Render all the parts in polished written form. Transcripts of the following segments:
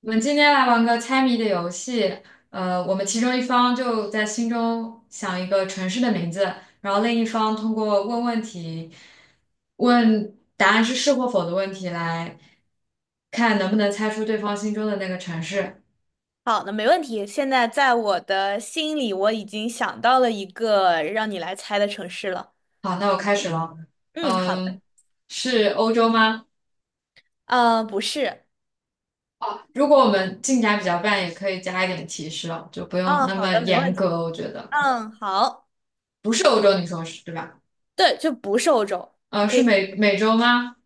我们今天来玩个猜谜的游戏，我们其中一方就在心中想一个城市的名字，然后另一方通过问问题，问答案是是或否的问题来看能不能猜出对方心中的那个城市。好的，没问题。现在在我的心里，我已经想到了一个让你来猜的城市了。好，那我开始了。嗯，好嗯，的。是欧洲吗？呃，不是。如果我们进展比较慢，也可以加一点提示哦，就不用嗯，那好么的，没问严题。格，我觉得可以。嗯，好。不是欧洲，你说是对吧？对，就不是欧洲，呃，你可是以，美美洲吗？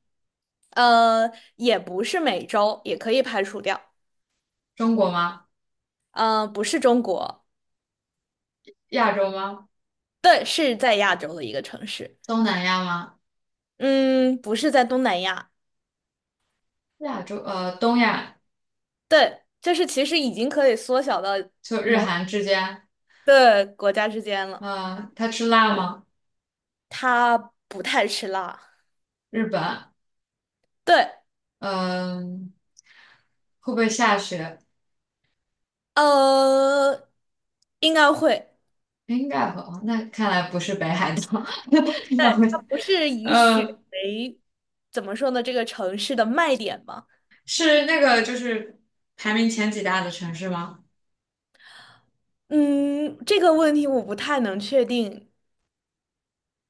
呃，也不是美洲，也可以排除掉。中国吗？不是中国，亚洲吗？对，是在亚洲的一个城市。东南亚吗？嗯，不是在东南亚，亚洲，东亚对，就是其实已经可以缩小到就日某韩之间，对国家之间了。他吃辣吗？他不太吃辣，日本，对。嗯、会不会下雪？呃，应该会，应该会，哦那看来不是北海道，那会，它不是以雪呃，为怎么说呢，这个城市的卖点吗？是那个就是排名前几大的城市吗？嗯，这个问题我不太能确定，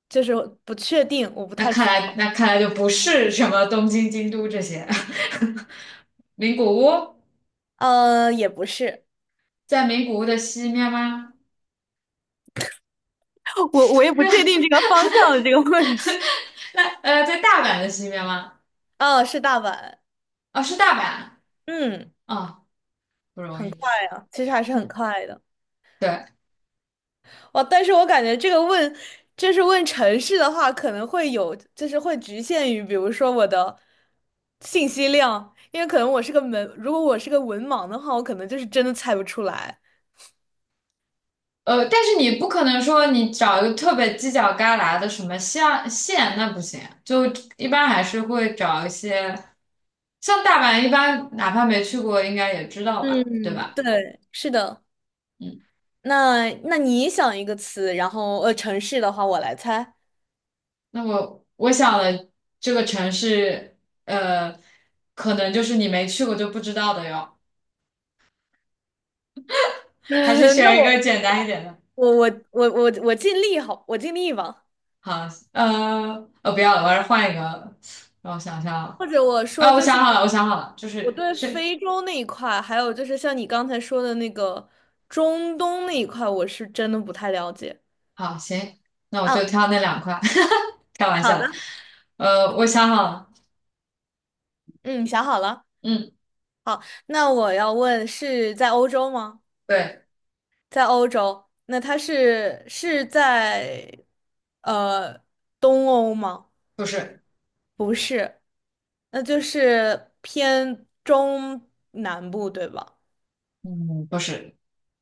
就是不确定，我不那太看知道。来那看来就不是什么东京、京都这些，名古屋也不是，在名古屋的西面吗？我也不确定这个方向的这个问题。那在大阪的西面吗？哦，是大阪，哦，是大阪。嗯，啊，不容很易。快啊，其实还是很快的。对，哦，但是我感觉这个问，就是问城市的话，可能会有，就是会局限于，比如说我的信息量，因为可能我是个文，如果我是个文盲的话，我可能就是真的猜不出来。但是你不可能说你找一个特别犄角旮旯的什么像县，那不行。就一般还是会找一些，像大阪，一般哪怕没去过，应该也知道吧，对嗯，吧？对，是的。嗯，那你想一个词，然后城市的话我来猜。那我想的这个城市，呃，可能就是你没去过就不知道的哟。还是那选一个我简单一点的。我我我我我尽力好，我尽力吧。好，不要了，我还是换一个。让我想想啊，或者我啊说，我就是想好了，我想好了，就我是对是非洲那一块，还有就是像你刚才说的那个中东那一块，我是真的不太了解。好，行，那我就嗯，挑那两块，开玩好笑的，的。呃，我想好了，嗯，想好了。嗯，好，那我要问是在欧洲吗？对，在欧洲，那它是在呃东欧吗？不是，不是，那就是偏中南部，对吧？嗯，不是，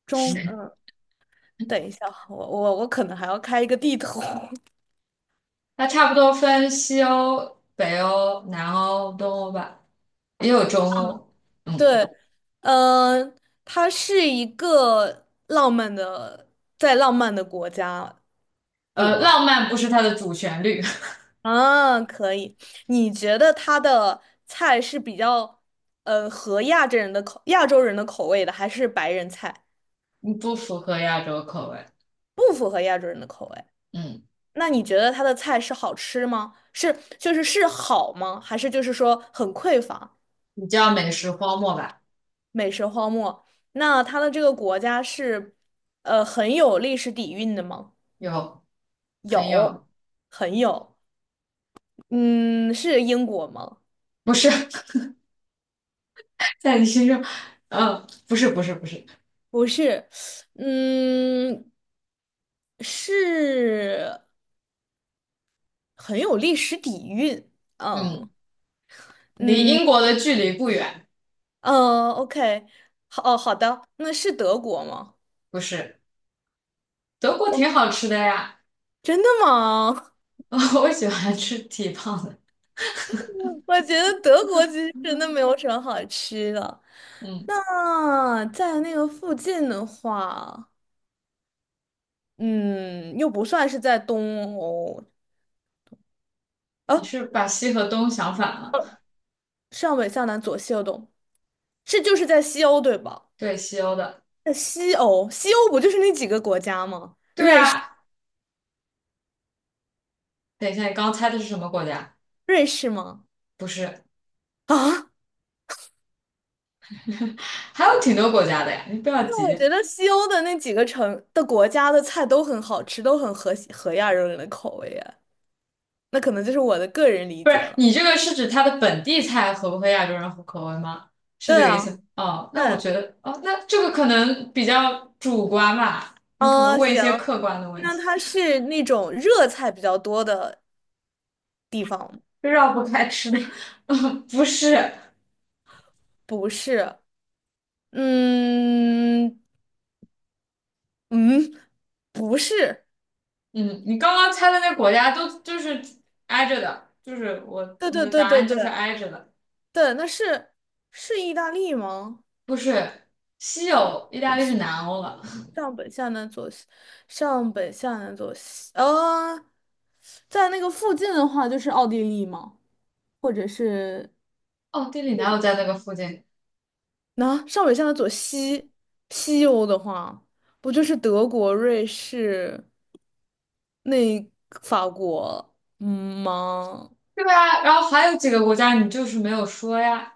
中，嗯，等一下，我可能还要开一个地图。它差不多分西欧、北欧、南欧、东欧吧，也有中欧。嗯，对，嗯，它是一个浪漫的，在浪漫的国家里吗？浪漫不是它的主旋律，啊，可以。你觉得它的菜是比较，合亚洲人的口，亚洲人的口味的，还是白人菜 不符合亚洲口味。不符合亚洲人的口味？嗯，那你觉得它的菜是好吃吗？是，就是是好吗？还是就是说很匮乏，你叫美食荒漠吧？美食荒漠？那它的这个国家是，很有历史底蕴的吗？有，很有，有，很有。嗯，是英国吗？不是 在你心中，嗯，不是，不是，不是，不是，嗯，是很有历史底蕴。嗯，嗯离嗯英国的距离不远，嗯，OK，好，哦，好的，那是德国吗？不是。德国哇，挺好吃的呀，真的吗？我喜欢吃蹄膀的。我觉得德国其实真的没有什么好吃的。嗯，那在那个附近的话，嗯，又不算是在东欧，你啊，是把西和东想反了？上北下南左西右东。是就是在西欧对吧？对，西欧的。在西欧，西欧不就是那几个国家吗？对啊，等一下，你刚猜的是什么国家？瑞士吗？不是，啊，还有挺多国家的呀，你不要那我急。觉得西欧的那几个城的国家的菜都很好吃，都很合亚洲人的口味耶。那可能就是我的个人理不是，解了。你这个是指它的本地菜合不合亚洲人口味吗？是这对个意啊，思？哦，那我对，觉得，哦，那这个可能比较主观吧，你可能嗯、问一行，些客观的问那题，它是那种热菜比较多的地方吗？绕不开吃的。不是，不是？嗯嗯，不是。嗯，你刚刚猜的那国家都就是挨着的，就是我对你对的对答对案就对是挨着的，对，那是意大利吗？不是西欧，意大利是南欧了。上北下南左西，上北下南左西，在那个附近的话就是奥地利嘛，或者是哦，地理哪有在那个附近？那、上北下南左西，西欧的话，不就是德国、瑞士、那法国，嗯吗？对啊，然后还有几个国家你就是没有说呀，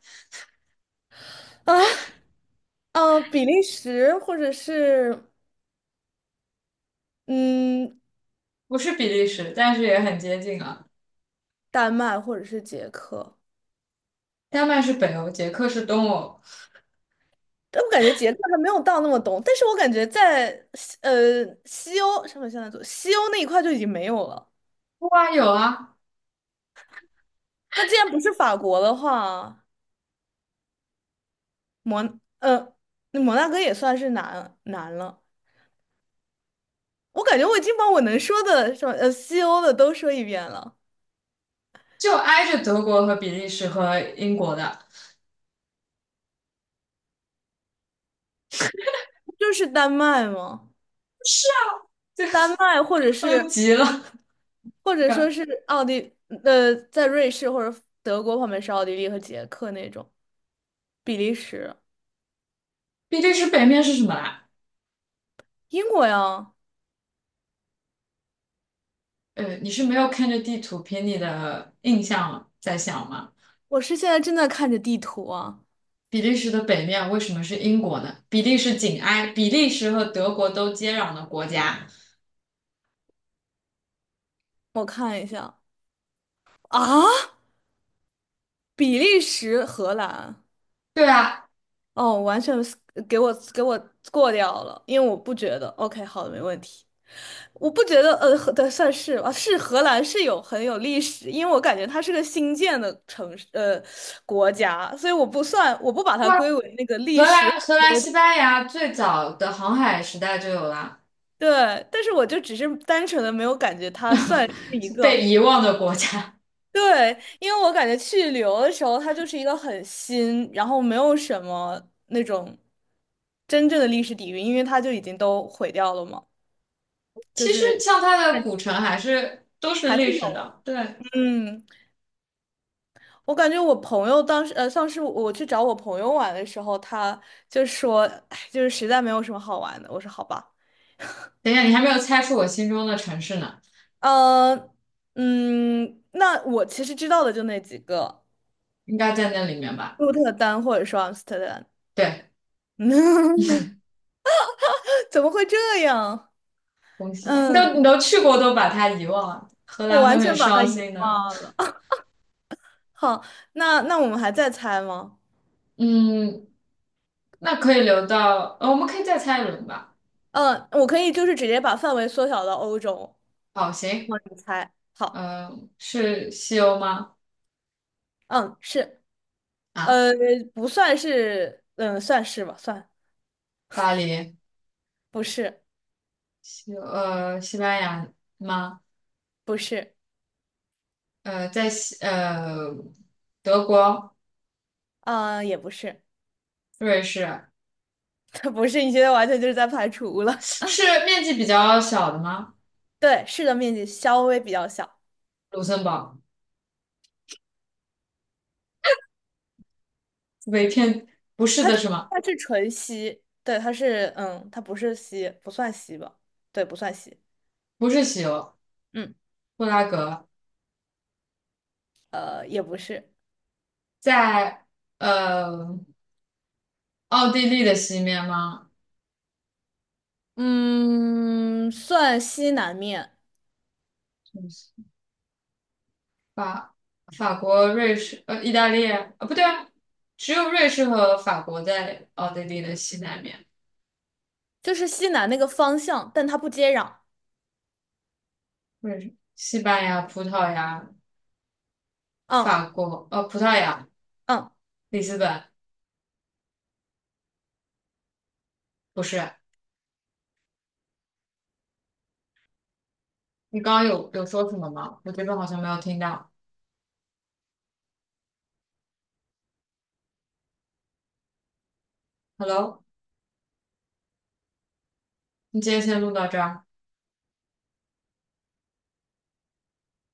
啊，比利时或者是嗯不是比利时，但是也很接近啊。丹麦或者是捷克。丹麦是北欧，捷克是东欧。但我感觉捷克还没有到那么懂，但是我感觉在西欧什么现在做西欧那一块就已经没有了。哇，有啊，那既然不是法国的话，摩呃那摩纳哥也算是难了。我感觉我已经把我能说的什么西欧的都说一遍了，就挨着德国和比利时和英国的，就是丹麦吗？丹麦或者我都是急了。或者呃说是奥地在瑞士或者德国旁边是奥地利和捷克那种，比利时、比利时北面是什么来？英国呀。呃，你是没有看着地图凭你的印象在想吗？我是现在正在看着地图啊。比利时的北面为什么是英国呢？比利时紧挨比利时和德国都接壤的国家。我看一下啊，比利时、荷兰，对啊，哦，完全是给我过掉了，因为我不觉得。OK，好的，没问题。我不觉得，荷的算是吧，是荷兰是有很有历史，因为我感觉它是个新建的城市，国家，所以我不算，我不把它哇，归为那个历荷史兰、荷兰、国家。 西班牙最早的航海时代就有了，对，但是我就只是单纯的没有感觉它算是一被个遗忘的国家。对，因为我感觉去旅游的时候，它就是一个很新，然后没有什么那种真正的历史底蕴，因为它就已经都毁掉了嘛，其就实是像它的古城还是都是还历是史有。的。对，嗯，我感觉我朋友当时，上次我去找我朋友玩的时候，他就说，哎，就是实在没有什么好玩的。我说好吧，等一下，你还没有猜出我心中的城市呢，呃，嗯，那我其实知道的就那几个，应该在那里面吧？鹿特丹或者说阿姆斯特丹。对，怎么会这样？恭喜，你都你嗯。都去过，都把它遗忘了，荷我兰会完很全把它伤遗心的。忘了。好，那那我们还在猜吗？嗯，那可以留到，我们可以再猜一轮吧。嗯，我可以就是直接把范围缩小到欧洲，好，然行。后你猜。好，呃，是西欧吗？嗯，是，啊，呃，不算是，嗯，算是吧，算，巴黎，不是，西班牙吗？不是，在德国、啊、也不是，瑞士 它不是，你现在完全就是在排除了。是面积比较小的吗？对，是的面积稍微比较小，卢森堡被骗不是它的就是吗？它是纯稀，对，它是，嗯，它不是稀，不算稀吧？对，不算稀，不是西欧，嗯，布拉格也不是。在呃奥地利的西面吗？嗯，算西南面，法法国、瑞士意大利啊，不对啊，只有瑞士和法国在奥地利的西南面。就是西南那个方向，但它不接壤。或者是西班牙、葡萄牙、嗯法国，葡萄牙、嗯。里斯本，不是，你刚刚有说什么吗？我这边好像没有听到。Hello，你今天先录到这儿。